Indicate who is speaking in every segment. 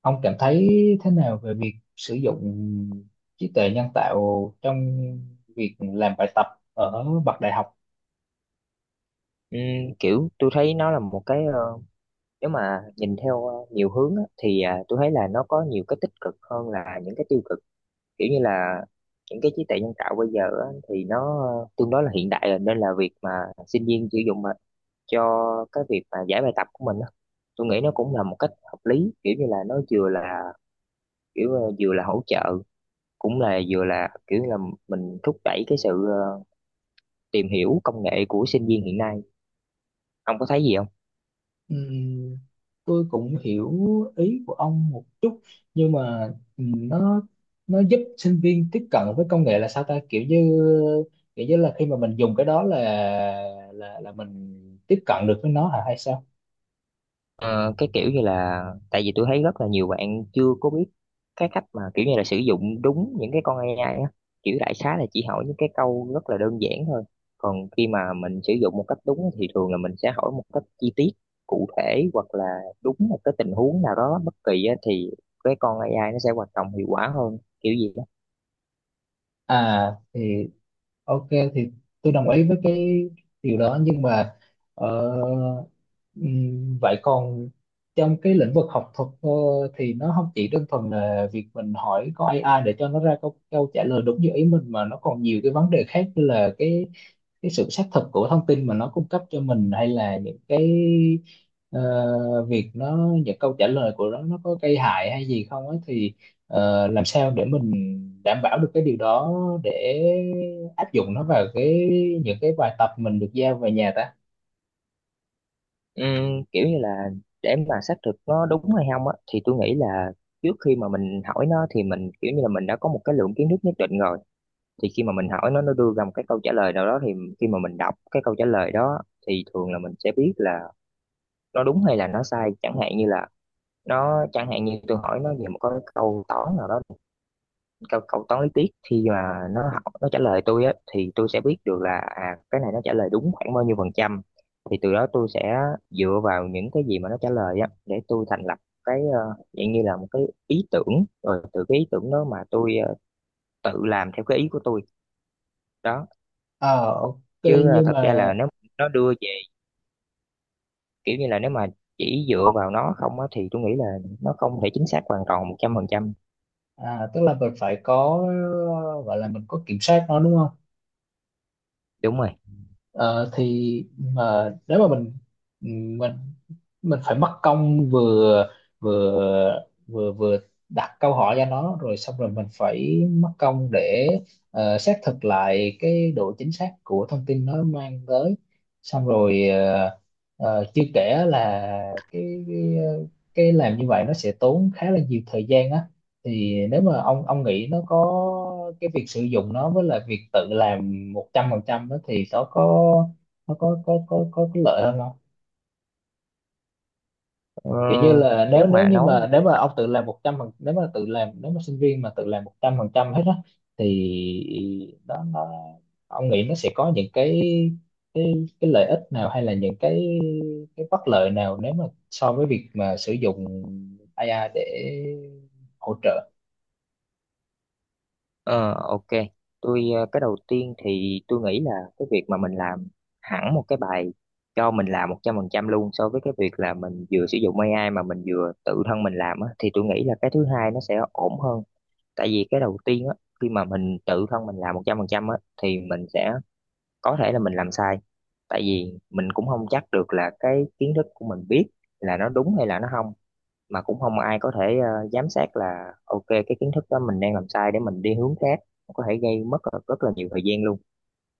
Speaker 1: Ông cảm thấy thế nào về việc sử dụng trí tuệ nhân tạo trong việc làm bài tập ở bậc đại học?
Speaker 2: Ừm, kiểu tôi thấy nó là một cái nếu mà nhìn theo nhiều hướng á, thì tôi thấy là nó có nhiều cái tích cực hơn là những cái tiêu cực, kiểu như là những cái trí tuệ nhân tạo bây giờ á, thì nó tương đối là hiện đại rồi, nên là việc mà sinh viên sử dụng mà cho cái việc mà giải bài tập của mình á, tôi nghĩ nó cũng là một cách hợp lý, kiểu như là nó vừa là kiểu vừa là hỗ trợ, cũng là vừa là kiểu là mình thúc đẩy cái sự tìm hiểu công nghệ của sinh viên hiện nay. Ông có thấy gì không?
Speaker 1: Ừm, tôi cũng hiểu ý của ông một chút, nhưng mà nó giúp sinh viên tiếp cận với công nghệ là sao ta, kiểu như là khi mà mình dùng cái đó là mình tiếp cận được với nó hả hay sao?
Speaker 2: Ờ, cái kiểu như là tại vì tôi thấy rất là nhiều bạn chưa có biết cái cách mà kiểu như là sử dụng đúng những cái con AI á, kiểu đại xá là chỉ hỏi những cái câu rất là đơn giản thôi, còn khi mà mình sử dụng một cách đúng á, thì thường là mình sẽ hỏi một cách chi tiết, cụ thể, hoặc là đúng một cái tình huống nào đó bất kỳ á, thì cái con AI nó sẽ hoạt động hiệu quả hơn kiểu gì đó.
Speaker 1: À thì ok, thì tôi đồng ý với cái điều đó, nhưng mà ờ, vậy còn trong cái lĩnh vực học thuật, thì nó không chỉ đơn thuần là việc mình hỏi có AI để cho nó ra câu trả lời đúng như ý mình, mà nó còn nhiều cái vấn đề khác, như là cái sự xác thực của thông tin mà nó cung cấp cho mình, hay là những cái, ờ, việc nó, những câu trả lời của nó có gây hại hay gì không ấy thì, làm sao để mình đảm bảo được cái điều đó để áp dụng nó vào cái, những cái bài tập mình được giao về nhà ta?
Speaker 2: Kiểu như là để mà xác thực nó đúng hay không á, thì tôi nghĩ là trước khi mà mình hỏi nó thì mình kiểu như là mình đã có một cái lượng kiến thức nhất định rồi, thì khi mà mình hỏi nó đưa ra một cái câu trả lời nào đó, thì khi mà mình đọc cái câu trả lời đó thì thường là mình sẽ biết là nó đúng hay là nó sai. Chẳng hạn như là nó, chẳng hạn như tôi hỏi nó về một cái câu toán nào đó, câu câu toán lý thuyết, khi mà nó học nó trả lời tôi á, thì tôi sẽ biết được là à, cái này nó trả lời đúng khoảng bao nhiêu %, thì từ đó tôi sẽ dựa vào những cái gì mà nó trả lời á để tôi thành lập cái dạng như là một cái ý tưởng, rồi từ cái ý tưởng đó mà tôi tự làm theo cái ý của tôi đó.
Speaker 1: Ờ, ok,
Speaker 2: Chứ
Speaker 1: nhưng
Speaker 2: thật
Speaker 1: mà
Speaker 2: ra là nếu nó đưa về kiểu như là nếu mà chỉ dựa vào nó không á, thì tôi nghĩ là nó không thể chính xác hoàn toàn 100%.
Speaker 1: à, tức là mình phải có, gọi là mình có kiểm soát nó đúng không?
Speaker 2: Đúng rồi.
Speaker 1: Ờ, thì mà nếu mà mình, mình mình phải mất công vừa, vừa đặt câu hỏi cho nó, rồi xong rồi mình phải mất công để xác thực lại cái độ chính xác của thông tin nó mang tới, xong rồi chưa kể là cái, cái cái làm như vậy nó sẽ tốn khá là nhiều thời gian á. Thì nếu mà ông nghĩ, nó có cái việc sử dụng nó với lại việc tự làm 100% đó, thì nó có cái lợi hơn không?
Speaker 2: ờ,
Speaker 1: Kiểu như là nếu
Speaker 2: nếu
Speaker 1: nếu
Speaker 2: mà
Speaker 1: như
Speaker 2: nói
Speaker 1: mà,
Speaker 2: về,
Speaker 1: nếu mà sinh viên mà tự làm 100% hết á, thì đó nó ông nghĩ nó sẽ có những cái cái lợi ích nào, hay là những cái bất lợi nào, nếu mà so với việc mà sử dụng AI để hỗ trợ?
Speaker 2: ờ, ok, tôi, cái đầu tiên thì tôi nghĩ là cái việc mà mình làm hẳn một cái bài cho mình làm 100% luôn so với cái việc là mình vừa sử dụng AI mà mình vừa tự thân mình làm á, thì tôi nghĩ là cái thứ hai nó sẽ ổn hơn. Tại vì cái đầu tiên á, khi mà mình tự thân mình làm một trăm phần trăm á, thì mình sẽ có thể là mình làm sai, tại vì mình cũng không chắc được là cái kiến thức của mình biết là nó đúng hay là nó không, mà cũng không ai có thể giám sát là ok cái kiến thức đó mình đang làm sai để mình đi hướng khác, có thể gây mất rất rất là nhiều thời gian luôn.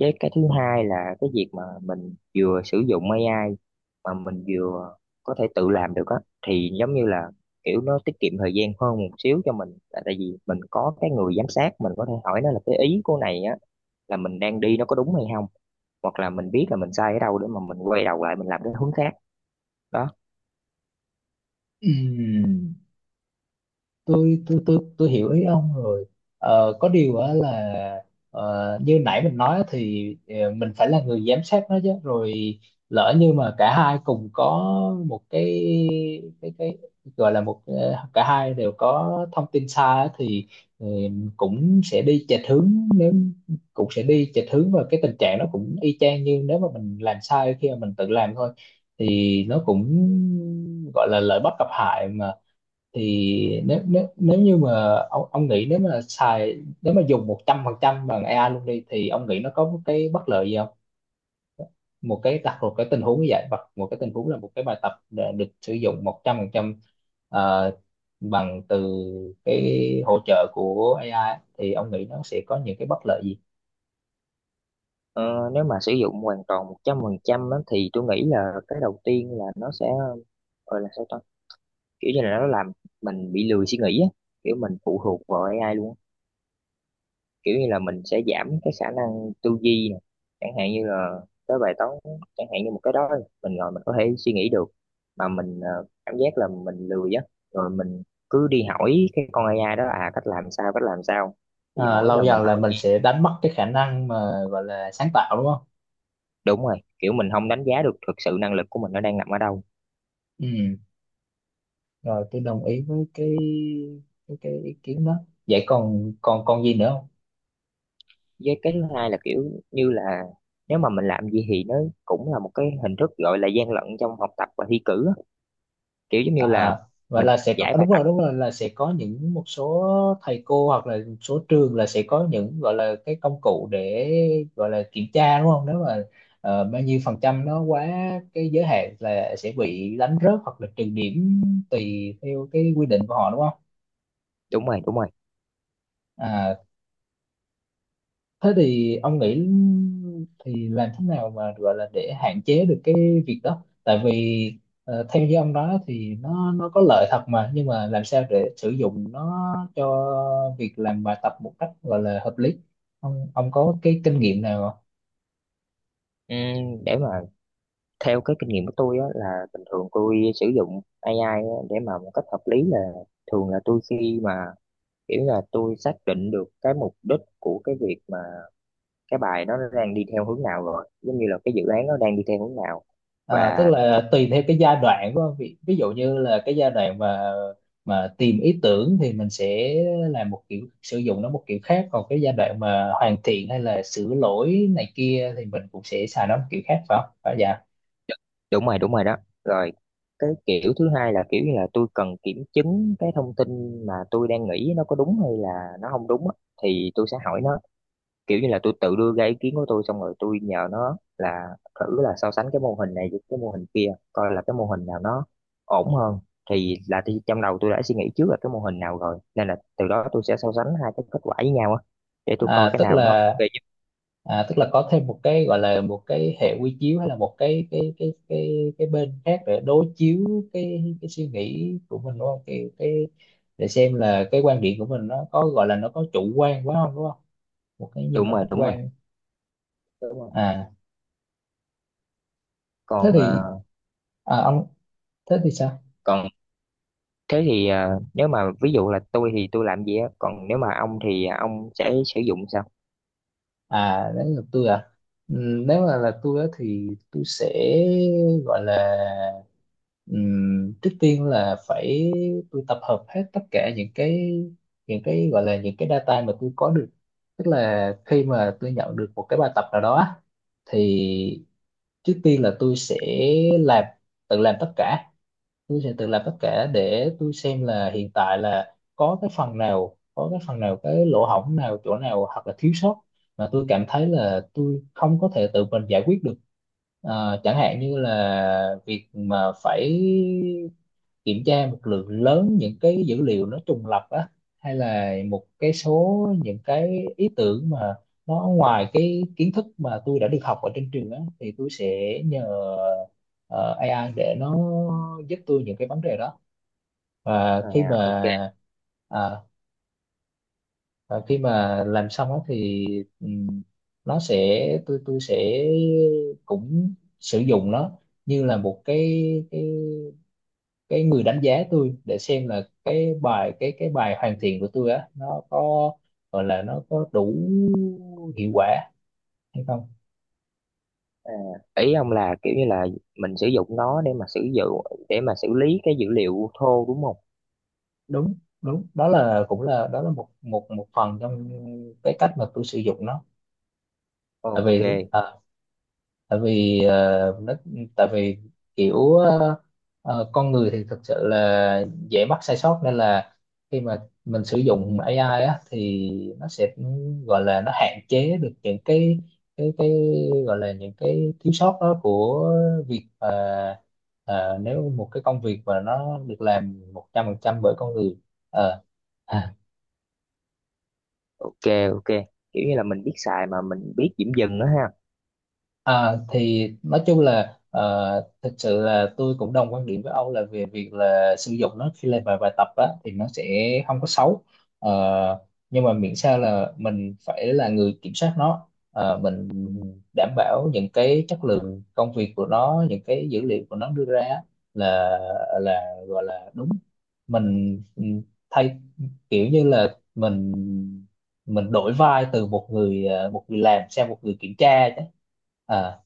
Speaker 2: Với cái thứ hai là cái việc mà mình vừa sử dụng AI mà mình vừa có thể tự làm được á, thì giống như là kiểu nó tiết kiệm thời gian hơn một xíu cho mình, tại tại vì mình có cái người giám sát, mình có thể hỏi nó là cái ý của này á là mình đang đi nó có đúng hay không, hoặc là mình biết là mình sai ở đâu để mà mình quay đầu lại mình làm cái hướng khác đó.
Speaker 1: Ừm. Tôi hiểu ý ông rồi. Có điều á là, như nãy mình nói á thì, mình phải là người giám sát nó chứ. Rồi lỡ như mà cả hai cùng có một cái, cái cái gọi là một, cả hai đều có thông tin sai á thì, ờ, cũng sẽ đi chệch hướng nếu cũng sẽ đi chệch hướng, và cái tình trạng nó cũng y chang như nếu mà mình làm sai khi mà mình tự làm thôi, thì nó cũng gọi là lợi bất cập hại mà. Thì nếu nếu nếu như mà ông nghĩ, nếu mà dùng 100% bằng AI luôn đi, thì ông nghĩ nó có một cái bất lợi gì không? Một cái Đặt một cái tình huống như vậy, và một cái tình huống là một cái bài tập đã được sử dụng 100% ờ, bằng từ cái hỗ trợ của AI, thì ông nghĩ nó sẽ có những cái bất lợi gì?
Speaker 2: Ờ, nếu mà sử dụng hoàn toàn 100% á, thì tôi nghĩ là cái đầu tiên là nó sẽ gọi là sao ta, kiểu như là nó làm mình bị lười suy nghĩ á, kiểu mình phụ thuộc vào AI luôn á. Kiểu như là mình sẽ giảm cái khả năng tư duy nè, chẳng hạn như là cái bài toán, chẳng hạn như một cái đó mình ngồi mình có thể suy nghĩ được, mà mình cảm giác là mình lười á, rồi mình cứ đi hỏi cái con AI đó, à cách làm sao cách làm sao, thì
Speaker 1: À,
Speaker 2: mỗi
Speaker 1: lâu
Speaker 2: lần mình
Speaker 1: dần là
Speaker 2: hỏi.
Speaker 1: mình sẽ đánh mất cái khả năng mà gọi là sáng tạo đúng không?
Speaker 2: Đúng rồi, kiểu mình không đánh giá được thực sự năng lực của mình nó đang nằm ở đâu.
Speaker 1: Ừ, rồi tôi đồng ý với cái, cái ý kiến đó. Vậy còn còn còn gì nữa?
Speaker 2: Với cái thứ hai là kiểu như là nếu mà mình làm gì thì nó cũng là một cái hình thức gọi là gian lận trong học tập và thi cử á. Kiểu giống như là
Speaker 1: À, vậy
Speaker 2: mình
Speaker 1: là sẽ có
Speaker 2: giải
Speaker 1: à,
Speaker 2: bài
Speaker 1: đúng
Speaker 2: tập.
Speaker 1: rồi, đúng rồi, là sẽ có những một số thầy cô hoặc là một số trường, là sẽ có những gọi là cái công cụ để gọi là kiểm tra đúng không? Nếu mà bao nhiêu phần trăm nó quá cái giới hạn, là sẽ bị đánh rớt hoặc là trừ điểm tùy theo cái quy định của họ đúng không?
Speaker 2: Đúng rồi, đúng rồi.
Speaker 1: À, thế thì ông nghĩ, thì làm thế nào mà gọi là để hạn chế được cái việc đó? Tại vì theo như ông nói thì nó có lợi thật mà, nhưng mà làm sao để sử dụng nó cho việc làm bài tập một cách gọi là hợp lý? Ông có cái kinh nghiệm nào không?
Speaker 2: Để mà theo cái kinh nghiệm của tôi á, là bình thường tôi sử dụng AI á, để mà một cách hợp lý là thường là tôi khi mà kiểu là tôi xác định được cái mục đích của cái việc mà cái bài nó đang đi theo hướng nào, rồi giống như là cái dự án nó đang đi theo hướng nào,
Speaker 1: À, tức
Speaker 2: và
Speaker 1: là tùy theo cái giai đoạn của ông. Ví dụ như là cái giai đoạn mà tìm ý tưởng thì mình sẽ làm một kiểu sử dụng nó một kiểu khác, còn cái giai đoạn mà hoàn thiện hay là sửa lỗi này kia thì mình cũng sẽ xài nó một kiểu khác phải không? Phải dạ.
Speaker 2: đúng rồi đó. Rồi cái kiểu thứ hai là kiểu như là tôi cần kiểm chứng cái thông tin mà tôi đang nghĩ nó có đúng hay là nó không đúng á, thì tôi sẽ hỏi nó, kiểu như là tôi tự đưa ra ý kiến của tôi, xong rồi tôi nhờ nó là thử là so sánh cái mô hình này với cái mô hình kia, coi là cái mô hình nào nó ổn hơn, thì là thì trong đầu tôi đã suy nghĩ trước là cái mô hình nào rồi, nên là từ đó tôi sẽ so sánh hai cái kết quả với nhau á, để tôi coi
Speaker 1: À,
Speaker 2: cái
Speaker 1: tức
Speaker 2: nào nó
Speaker 1: là,
Speaker 2: về nhất.
Speaker 1: có thêm một cái, gọi là một cái hệ quy chiếu, hay là một cái bên khác để đối chiếu cái suy nghĩ của mình đúng không? Cái Để xem là cái quan điểm của mình nó có, gọi là nó có chủ quan quá không đúng không? Một cái nhìn
Speaker 2: Đúng
Speaker 1: nó
Speaker 2: rồi,
Speaker 1: khách
Speaker 2: đúng rồi,
Speaker 1: quan.
Speaker 2: đúng rồi.
Speaker 1: À, thế
Speaker 2: Còn
Speaker 1: thì, à, ông thế thì sao?
Speaker 2: còn thế thì nếu mà ví dụ là tôi thì tôi làm gì á, còn nếu mà ông thì ông sẽ sử dụng sao?
Speaker 1: À, đến lượt tôi à? Nếu mà là tôi á thì tôi sẽ, gọi là, trước tiên là tôi tập hợp hết tất cả những cái, gọi là những cái data mà tôi có được. Tức là khi mà tôi nhận được một cái bài tập nào đó á, thì trước tiên là tôi sẽ làm tự làm tất cả. Tôi sẽ tự làm tất cả để tôi xem là hiện tại là có cái phần nào, cái lỗ hổng nào, chỗ nào hoặc là thiếu sót mà tôi cảm thấy là tôi không có thể tự mình giải quyết được. Ờ, chẳng hạn như là việc mà phải kiểm tra một lượng lớn những cái dữ liệu nó trùng lặp á, hay là một cái số những cái ý tưởng mà nó ngoài cái kiến thức mà tôi đã được học ở trên trường á, thì tôi sẽ nhờ ờ, AI để nó giúp tôi những cái vấn đề đó. Và khi
Speaker 2: À,
Speaker 1: mà,
Speaker 2: ok.
Speaker 1: à, làm xong á thì, ừm, nó sẽ tôi sẽ cũng sử dụng nó như là một cái cái người đánh giá tôi, để xem là cái bài, cái bài hoàn thiện của tôi á nó có, gọi là nó có đủ hiệu quả hay không.
Speaker 2: À, ý ông là kiểu như là mình sử dụng nó để mà sử dụng để mà xử lý cái dữ liệu thô, đúng không?
Speaker 1: Đúng đúng đó là một một một phần trong cái cách mà tôi sử dụng nó. tại
Speaker 2: Ok.
Speaker 1: vì ờ, tại vì ờ, nó Tại vì kiểu ờ, con người thì thực sự là dễ mắc sai sót, nên là khi mà mình sử dụng AI á thì nó sẽ, gọi là nó hạn chế được những cái gọi là những cái thiếu sót đó của việc mà, nếu một cái công việc mà nó được làm 100% bởi con người. Ờ. à,
Speaker 2: Ok, ok, kiểu như là mình biết xài mà mình biết điểm dừng đó ha.
Speaker 1: À, thì nói chung là thực sự là tôi cũng đồng quan điểm với ông, là về việc là sử dụng nó khi làm bài bài tập á, thì nó sẽ không có xấu. Ờ, nhưng mà miễn sao là mình phải là người kiểm soát nó. Ờ, mình đảm bảo những cái chất lượng công việc của nó, những cái dữ liệu của nó đưa ra á, là là gọi là đúng. Mình thay kiểu như là mình đổi vai, từ một người, một người làm sang một người kiểm tra chứ. Ờ,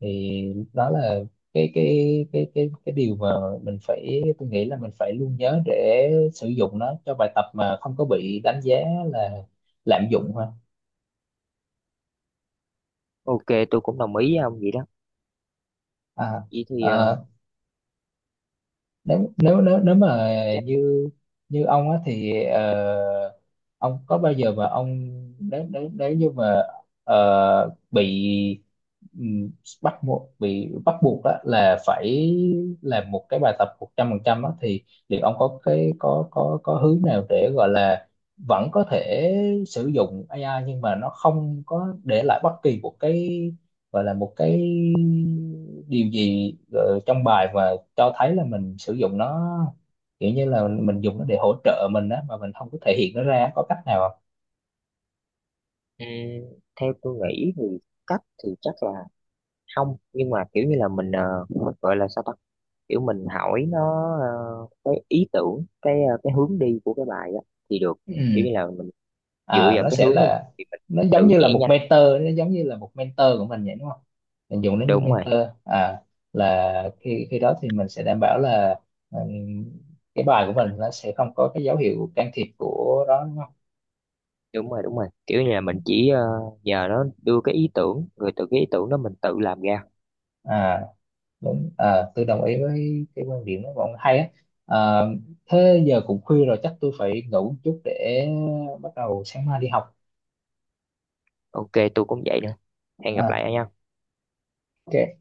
Speaker 1: thì đó là cái điều mà mình phải tôi nghĩ là mình phải luôn nhớ, để sử dụng nó cho bài tập mà không có bị đánh giá là lạm dụng ha.
Speaker 2: Ok, tôi cũng đồng ý với ông vậy đó.
Speaker 1: à,
Speaker 2: Vậy thì
Speaker 1: à, Nếu nếu nếu nếu mà
Speaker 2: chắc,
Speaker 1: như như ông á thì, ông có bao giờ mà ông nếu nếu nếu như mà bị, ừm, bắt buộc bị bắt buộc á là phải làm một cái bài tập 100% á, thì liệu ông có cái có hướng nào để gọi là vẫn có thể sử dụng AI, nhưng mà nó không có để lại bất kỳ một cái, gọi là một cái điều gì trong bài mà cho thấy là mình sử dụng nó, kiểu như là mình dùng nó để hỗ trợ mình á mà mình không có thể hiện nó ra, có cách nào không?
Speaker 2: ừm, theo tôi nghĩ thì cách thì chắc là không, nhưng mà kiểu như là mình gọi là sao ta, kiểu mình hỏi nó ờ, cái ý tưởng cái cái hướng đi của cái bài á thì được. Kiểu
Speaker 1: Ừ.
Speaker 2: như là mình dựa
Speaker 1: À,
Speaker 2: vào cái hướng đó mà thì mình tự vẽ nhanh.
Speaker 1: nó giống như là một mentor của mình vậy đúng không? Mình dùng nó như
Speaker 2: Đúng rồi,
Speaker 1: mentor. À, là khi khi đó thì mình sẽ đảm bảo là, ừ, cái bài của mình nó sẽ không có cái dấu hiệu can thiệp của đó đúng không?
Speaker 2: đúng rồi, đúng rồi, kiểu như là mình chỉ nhờ nó đưa cái ý tưởng, rồi từ cái ý tưởng đó mình tự làm ra.
Speaker 1: À, đúng. Ờ, tôi đồng ý với cái quan điểm đó của ông, hay á. Ờ, thế giờ cũng khuya rồi, chắc tôi phải ngủ một chút để bắt đầu sáng mai đi học.
Speaker 2: Ok, tôi cũng vậy nữa, hẹn gặp
Speaker 1: Ờ,
Speaker 2: lại anh nhé.
Speaker 1: ok.